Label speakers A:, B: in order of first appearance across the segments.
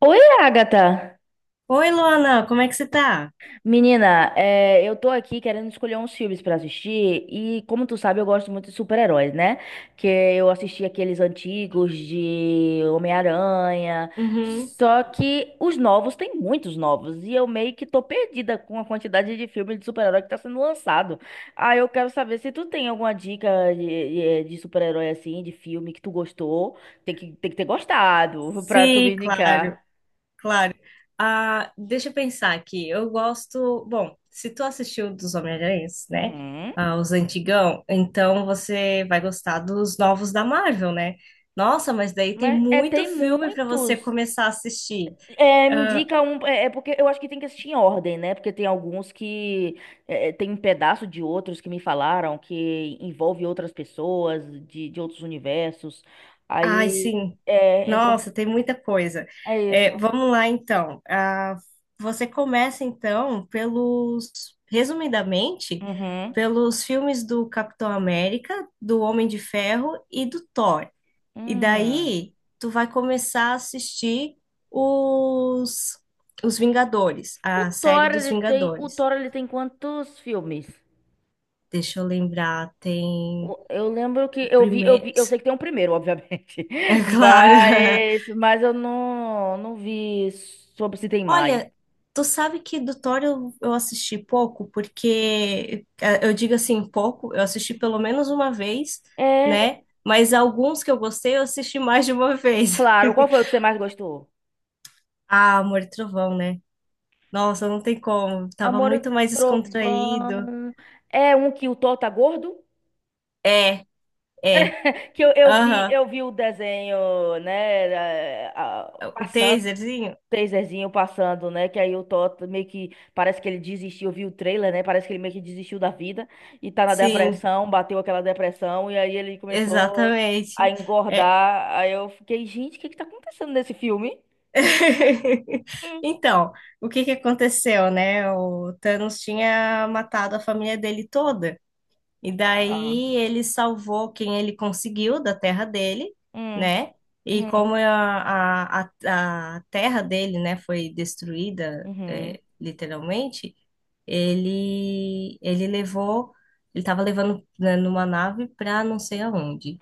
A: Oi, Agatha!
B: Oi, Luana, como é que você tá?
A: Menina, eu tô aqui querendo escolher uns filmes pra assistir e, como tu sabe, eu gosto muito de super-heróis, né? Que eu assisti aqueles antigos de Homem-Aranha,
B: Uhum.
A: só que os novos, tem muitos novos, e eu meio que tô perdida com a quantidade de filmes de super-herói que tá sendo lançado. Aí eu quero saber se tu tem alguma dica de super-herói assim, de filme que tu gostou, tem que ter gostado pra tu me
B: Sim, claro,
A: indicar.
B: claro. Ah, deixa eu pensar aqui. Eu gosto. Bom, se tu assistiu dos Homem-Aranhas, né?
A: Uhum.
B: Ah, os antigão, então você vai gostar dos novos da Marvel, né? Nossa, mas daí tem
A: Mas é,
B: muito
A: tem
B: filme pra você
A: muitos.
B: começar a assistir.
A: É, me indica um. É porque eu acho que tem que assistir em ordem, né? Porque tem alguns que tem um pedaço de outros que me falaram que envolve outras pessoas de outros universos.
B: Ai,
A: Aí.
B: sim.
A: É, então
B: Nossa, tem muita coisa.
A: é
B: É,
A: isso.
B: vamos lá, então. Ah, você começa, então, pelos, resumidamente,
A: Uhum.
B: pelos filmes do Capitão América, do Homem de Ferro e do Thor. E
A: Hum.
B: daí, tu vai começar a assistir os, os Vingadores,
A: O
B: a série
A: Thor,
B: dos
A: ele tem, o
B: Vingadores.
A: Thor, ele tem quantos filmes?
B: Deixa eu lembrar, tem
A: Eu lembro
B: o
A: que eu
B: primeiro.
A: vi, eu sei que tem um primeiro, obviamente,
B: É claro.
A: mas eu não vi sobre se tem mais.
B: Olha, tu sabe que do Thor eu assisti pouco, porque eu digo assim, pouco, eu assisti pelo menos uma vez,
A: É,
B: né? Mas alguns que eu gostei, eu assisti mais de uma vez.
A: claro. Qual foi o que você mais gostou?
B: Ah, Amor e Trovão, né? Nossa, não tem como. Tava
A: Amor, e
B: muito mais descontraído.
A: Trovão. É um que o Thor tá gordo?
B: É, é.
A: Que
B: Aham.
A: eu vi o desenho, né?
B: O
A: Passando, o
B: taserzinho?
A: taserzinho passando, né? Que aí o Thor meio que parece que ele desistiu. Eu vi o trailer, né? Parece que ele meio que desistiu da vida e tá na
B: Sim,
A: depressão, bateu aquela depressão, e aí ele começou a
B: exatamente. É,
A: engordar. Aí eu fiquei, gente, o que que tá acontecendo nesse filme? Hum.
B: Então, o que que aconteceu, né? O Thanos tinha matado a família dele toda, e
A: Ah,
B: daí ele salvou quem ele conseguiu da terra dele,
A: hum,
B: né? E
A: uhum,
B: como a terra dele, né, foi destruída,
A: uhum.
B: é, literalmente, ele levou, ele estava levando né, numa nave para não sei aonde.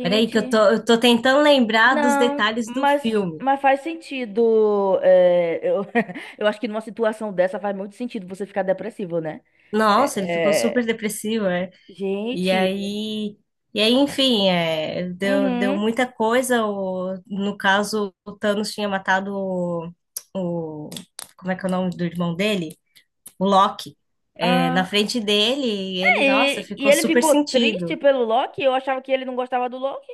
B: Peraí, que eu tô, eu tô tentando lembrar dos
A: Não,
B: detalhes do
A: mas,
B: filme.
A: mas faz sentido. Eu acho que numa situação dessa faz muito sentido você ficar depressivo, né?
B: Nossa, ele ficou
A: É, é,
B: super depressivo, é. E
A: gente,
B: aí, e aí, enfim, é, deu
A: uhum,
B: muita coisa. O, no caso, o Thanos tinha matado o- como é que é o nome do irmão dele? O Loki. É, na
A: ah,
B: frente dele, e ele, nossa,
A: e
B: ficou
A: ele
B: super
A: ficou triste
B: sentido.
A: pelo Loki? Eu achava que ele não gostava do Loki.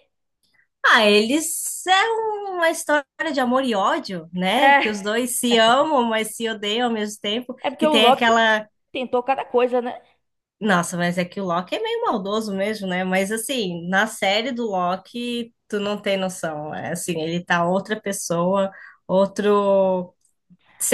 B: Ah, eles é uma história de amor e ódio, né? Que
A: É,
B: os dois se amam, mas se odeiam ao mesmo tempo.
A: é porque
B: Que
A: o
B: tem
A: Loki
B: aquela
A: tentou cada coisa, né?
B: Nossa, mas é que o Loki é meio maldoso mesmo, né? Mas assim, na série do Loki, tu não tem noção. É assim, ele tá outra pessoa, outro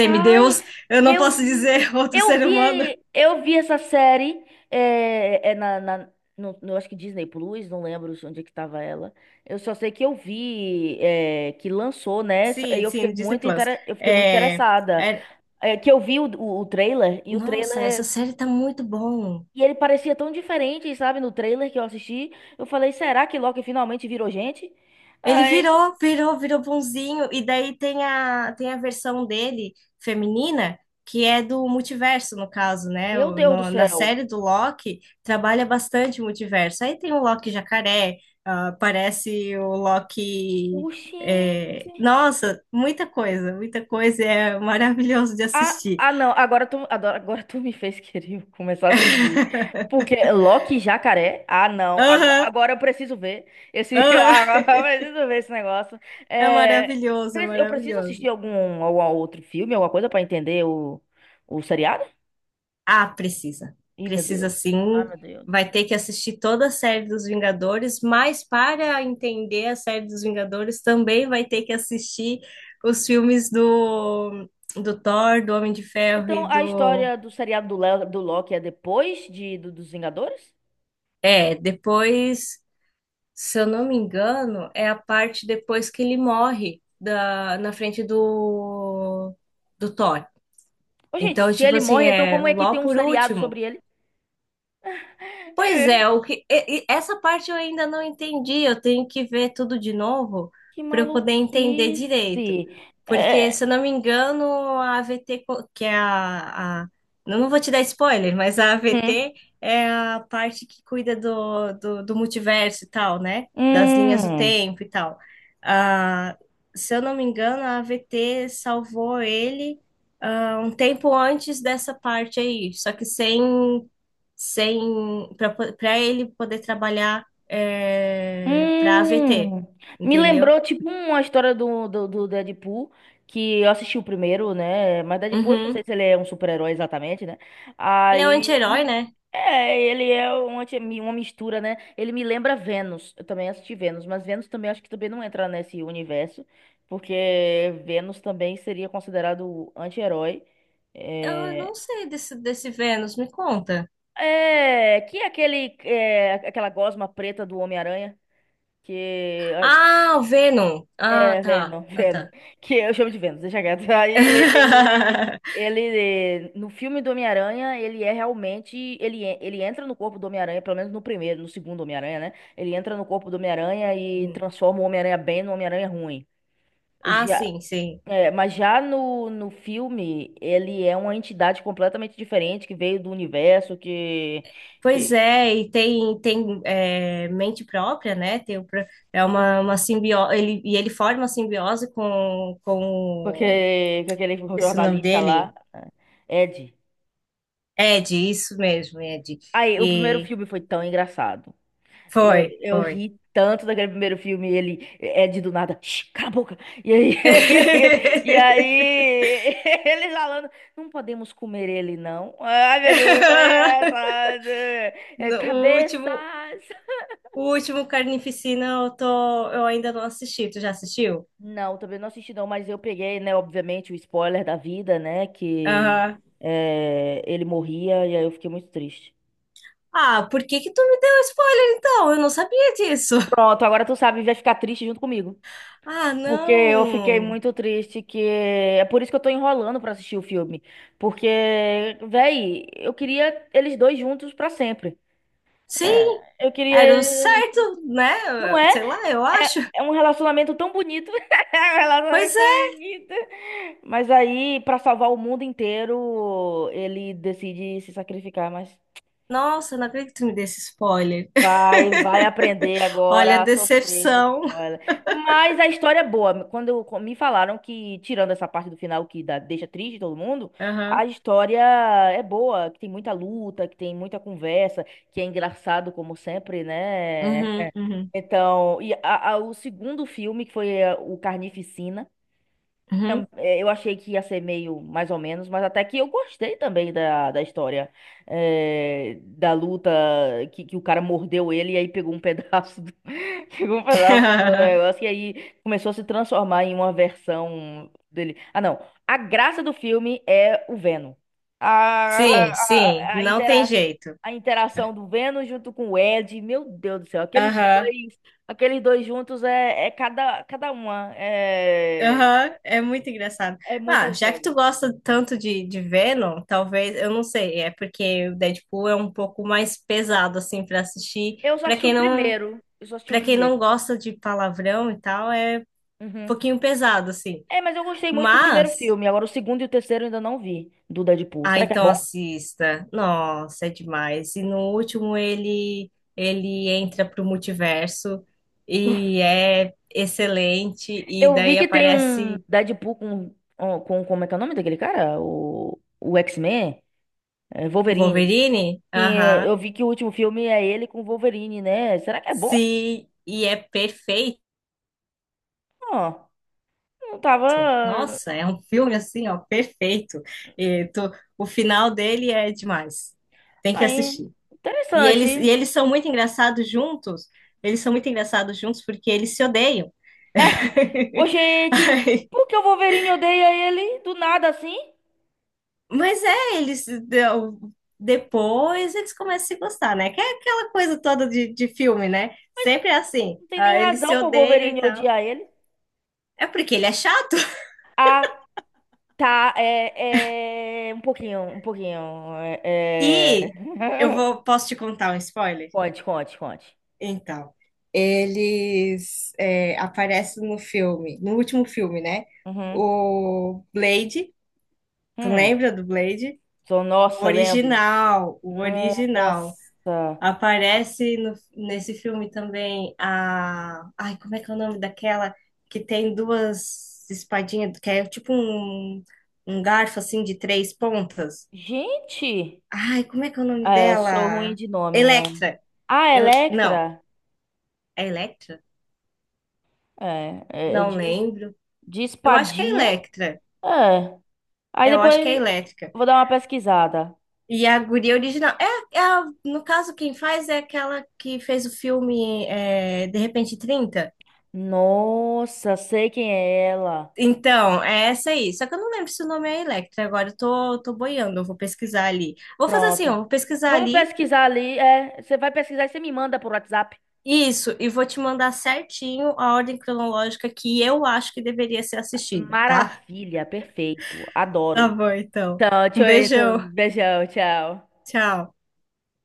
A: Ai,
B: eu não posso dizer outro ser humano.
A: eu vi essa série é, é na, na no, no- acho que Disney Plus, não lembro onde é que tava ela. Eu só sei que que lançou, né? E
B: Sim, sim, no Disney Plus.
A: eu fiquei muito
B: É,
A: interessada.
B: é-
A: É, que eu vi o
B: nossa, essa
A: trailer
B: série tá muito bom.
A: e ele parecia tão diferente, sabe? No trailer que eu assisti, eu falei, será que Loki finalmente virou gente?
B: Ele
A: Ai,
B: virou bonzinho. E daí tem a versão dele, feminina, que é do multiverso, no caso, né?
A: meu
B: O-
A: Deus do
B: no- na
A: céu.
B: série do Loki, trabalha bastante o multiverso. Aí tem o Loki jacaré, ah, aparece o Loki.
A: Oxi.
B: É, nossa, muita coisa, muita coisa. É maravilhoso de
A: Ah,
B: assistir.
A: ah, não, agora, tu me fez querer começar a assistir. Porque Loki e Jacaré? Ah, não,
B: Aham,
A: agora eu preciso ver esse,
B: aham.
A: agora eu preciso ver esse negócio.
B: É
A: É,
B: maravilhoso, é
A: eu preciso assistir
B: maravilhoso.
A: algum, algum outro filme, alguma coisa pra entender o seriado?
B: Ah, precisa.
A: Ih, meu
B: Precisa
A: Deus. Ah,
B: sim.
A: meu Deus.
B: Vai ter que assistir toda a série dos Vingadores, mas para entender a série dos Vingadores também vai ter que assistir os filmes do, do Thor, do Homem de Ferro e
A: Então, a
B: do.
A: história do seriado do Loki é depois dos Vingadores?
B: É, depois, se eu não me engano, é a parte depois que ele morre da, na frente do, do Thor.
A: Ô, gente,
B: Então,
A: se
B: tipo
A: ele
B: assim,
A: morre, então
B: é
A: como
B: o
A: é que
B: Ló
A: tem um
B: por
A: seriado
B: último.
A: sobre ele?
B: Pois
A: É.
B: é, o que, e essa parte eu ainda não entendi. Eu tenho que ver tudo de novo
A: Que
B: para eu poder entender
A: maluquice.
B: direito. Porque,
A: É,
B: se eu não me engano, a AVT, co- que é a eu Não vou te dar spoiler, mas a
A: hum,
B: AVT é a parte que cuida do, do multiverso e tal, né? Das linhas do
A: hum,
B: tempo e tal. Ah, se eu não me engano, a AVT salvou ele, ah, um tempo antes dessa parte aí. Só que sem para ele poder trabalhar é, para AVT,
A: hum. Me
B: entendeu?
A: lembrou, tipo, uma história do Deadpool, que eu assisti o primeiro, né? Mas Deadpool, eu não sei
B: Uhum.
A: se ele é um super-herói exatamente, né?
B: Ele é um
A: Aí,
B: anti-herói, né?
A: é, ele é uma mistura, né? Ele me lembra Vênus. Eu também assisti Vênus, mas Vênus também acho que também não entra nesse universo, porque Vênus também seria considerado anti-herói.
B: Eu
A: É,
B: não sei desse, desse Vênus, me conta.
A: que é aquele, é, aquela gosma preta do Homem-Aranha que...
B: Ah, o Venom. Ah,
A: É,
B: tá.
A: Venom,
B: Ah,
A: Venom.
B: tá.
A: Que eu chamo de Venom, deixa quieto. Aí ele, ele, no filme do Homem-Aranha, ele é realmente, ele entra no corpo do Homem-Aranha, pelo menos no primeiro, no segundo Homem-Aranha, né? Ele entra no corpo do Homem-Aranha e transforma o Homem-Aranha bem no Homem-Aranha ruim.
B: Ah,
A: Já,
B: sim, sim.
A: é, mas já no filme, ele é uma entidade completamente diferente, que veio do universo,
B: Pois
A: que,
B: é, e tem, tem é, mente própria, né? Tem, o pro- é uma simbiose, ele, e ele forma uma simbiose com...
A: com aquele
B: Esse é o nome
A: jornalista lá,
B: dele?
A: né? Ed.
B: Ed, isso mesmo, Ed.
A: Aí, o primeiro
B: E
A: filme foi tão engraçado.
B: foi,
A: Eu
B: foi.
A: ri tanto daquele primeiro filme, ele é de do nada, "Shh, cala a boca." E aí, e aí, ele falando, não podemos comer ele, não. Ai, meu Deus, então é tão engraçado. É,
B: No-
A: Cabeças!
B: o último Carnificina eu tô, eu ainda não assisti. Tu já assistiu?
A: Não, também não assisti não, mas eu peguei, né, obviamente, o spoiler da vida, né, que
B: Aham.
A: é, ele morria, e aí eu fiquei muito triste.
B: Ah, por que que tu me deu spoiler então? Eu não sabia disso.
A: Pronto, agora tu sabe, vai ficar triste junto comigo.
B: Ah,
A: Porque eu fiquei
B: não.
A: muito triste, que é por isso que eu tô enrolando pra assistir o filme, porque véi, eu queria eles dois juntos pra sempre.
B: Sim,
A: É, eu queria
B: era o
A: eles juntos.
B: certo, né?
A: Não é?
B: Sei lá, eu
A: É,
B: acho.
A: é um relacionamento tão bonito. É um
B: Pois
A: relacionamento tão
B: é.
A: bonito. Mas aí, pra salvar o mundo inteiro, ele decide se sacrificar, mas...
B: Nossa, não acredito que tu me desse spoiler.
A: Vai, vai aprender
B: Olha a
A: agora a sofrer na
B: decepção.
A: escola. Mas a história é boa. Me falaram que, tirando essa parte do final que dá- deixa triste todo mundo, a
B: Aham.
A: história é boa, que tem muita luta, que tem muita conversa, que é engraçado como sempre, né?
B: Uhum, uhum.
A: Então, e o segundo filme, que foi o Carnificina...
B: Uhum.
A: Eu achei que ia ser meio mais ou menos, mas até que eu gostei também da história. É, da luta que o cara mordeu ele e aí pegou um pedaço do, pegou um pedaço do negócio e aí começou a se transformar em uma versão dele. Ah, não. A graça do filme é o Venom.
B: Sim, sim,
A: A,
B: não tem
A: intera
B: jeito.
A: a interação do Venom junto com o Ed, meu Deus do céu,
B: Aham,
A: aqueles dois juntos é, cada uma. É,
B: aham, é muito engraçado.
A: é muito
B: Ah, já que
A: engraçado.
B: tu gosta tanto de Venom, talvez, eu não sei, é porque o Deadpool é um pouco mais pesado, assim, pra assistir.
A: Eu só
B: Pra
A: assisti o
B: quem não,
A: primeiro. Eu só assisti o
B: para quem não
A: primeiro.
B: gosta de palavrão e tal, é um
A: Uhum.
B: pouquinho pesado, assim.
A: É, mas eu gostei muito do primeiro
B: Mas.
A: filme. Agora o segundo e o terceiro eu ainda não vi do Deadpool.
B: Ah,
A: Será que é
B: então
A: bom?
B: assista. Nossa, é demais. E no último ele entra pro multiverso e é excelente e
A: Eu vi
B: daí
A: que tem um
B: aparece
A: Deadpool como é que é o nome daquele cara? O X-Men? É,
B: com o
A: Wolverine.
B: Wolverine.
A: Sim,
B: Aham.
A: eu vi que o último filme é ele com o Wolverine, né? Será que é bom?
B: Sim, e é perfeito.
A: Ó, não tava.
B: Nossa, é um filme assim, ó, perfeito. E tu- o final dele é demais. Tem que
A: Aí,
B: assistir. E eles e
A: interessante.
B: eles são muito engraçados juntos. Eles são muito engraçados juntos porque eles se odeiam.
A: Ô, gente,
B: Aí
A: por que o Wolverine odeia ele do nada assim?
B: Mas é, eles deu- depois eles começam a se gostar, né? Que é aquela coisa toda de filme, né? Sempre é assim,
A: Não tem nem
B: ah, eles se
A: razão pro
B: odeiam e
A: Wolverine
B: tal.
A: odiar ele.
B: É porque ele é chato.
A: Ah, tá. É, é... Um pouquinho, um pouquinho. É...
B: E eu
A: é.
B: vou, posso te contar um spoiler?
A: Conte, conte, conte.
B: Então, eles é, aparecem no filme, no último filme, né?
A: Uhum.
B: O Blade, tu
A: Hum.
B: lembra do Blade?
A: Sou,
B: O
A: nossa, lembro.
B: original, o original.
A: Nossa.
B: Aparece no- nesse filme também a. Ai, como é que é o nome daquela que tem duas espadinhas, que é tipo um, um garfo assim de três pontas?
A: Gente,
B: Ai, como é que é o nome
A: é,
B: dela?
A: sou ruim de nome. É.
B: Electra.
A: Ah,
B: Ele- Não,
A: Electra?
B: é Electra?
A: É
B: Não lembro.
A: de
B: Eu acho que é
A: espadinha.
B: Electra.
A: É. Aí
B: É, eu acho que é
A: depois
B: Elétrica.
A: vou dar uma pesquisada.
B: E a guria original. É, é a- no caso, quem faz é aquela que fez o filme é, De Repente 30.
A: Nossa, sei quem é ela.
B: Então, é essa aí. Só que eu não lembro se o nome é Electra. Agora eu tô, tô boiando, eu vou pesquisar ali. Vou fazer assim, ó,
A: Pronto.
B: vou pesquisar
A: Vamos
B: ali.
A: pesquisar ali. É, você vai pesquisar e você me manda por WhatsApp.
B: Isso, e vou te mandar certinho a ordem cronológica que eu acho que deveria ser assistida, tá?
A: Maravilha, perfeito.
B: Tá
A: Adoro.
B: bom, então.
A: Então,
B: Um
A: tchau, então,
B: beijão.
A: beijão, tchau.
B: Tchau.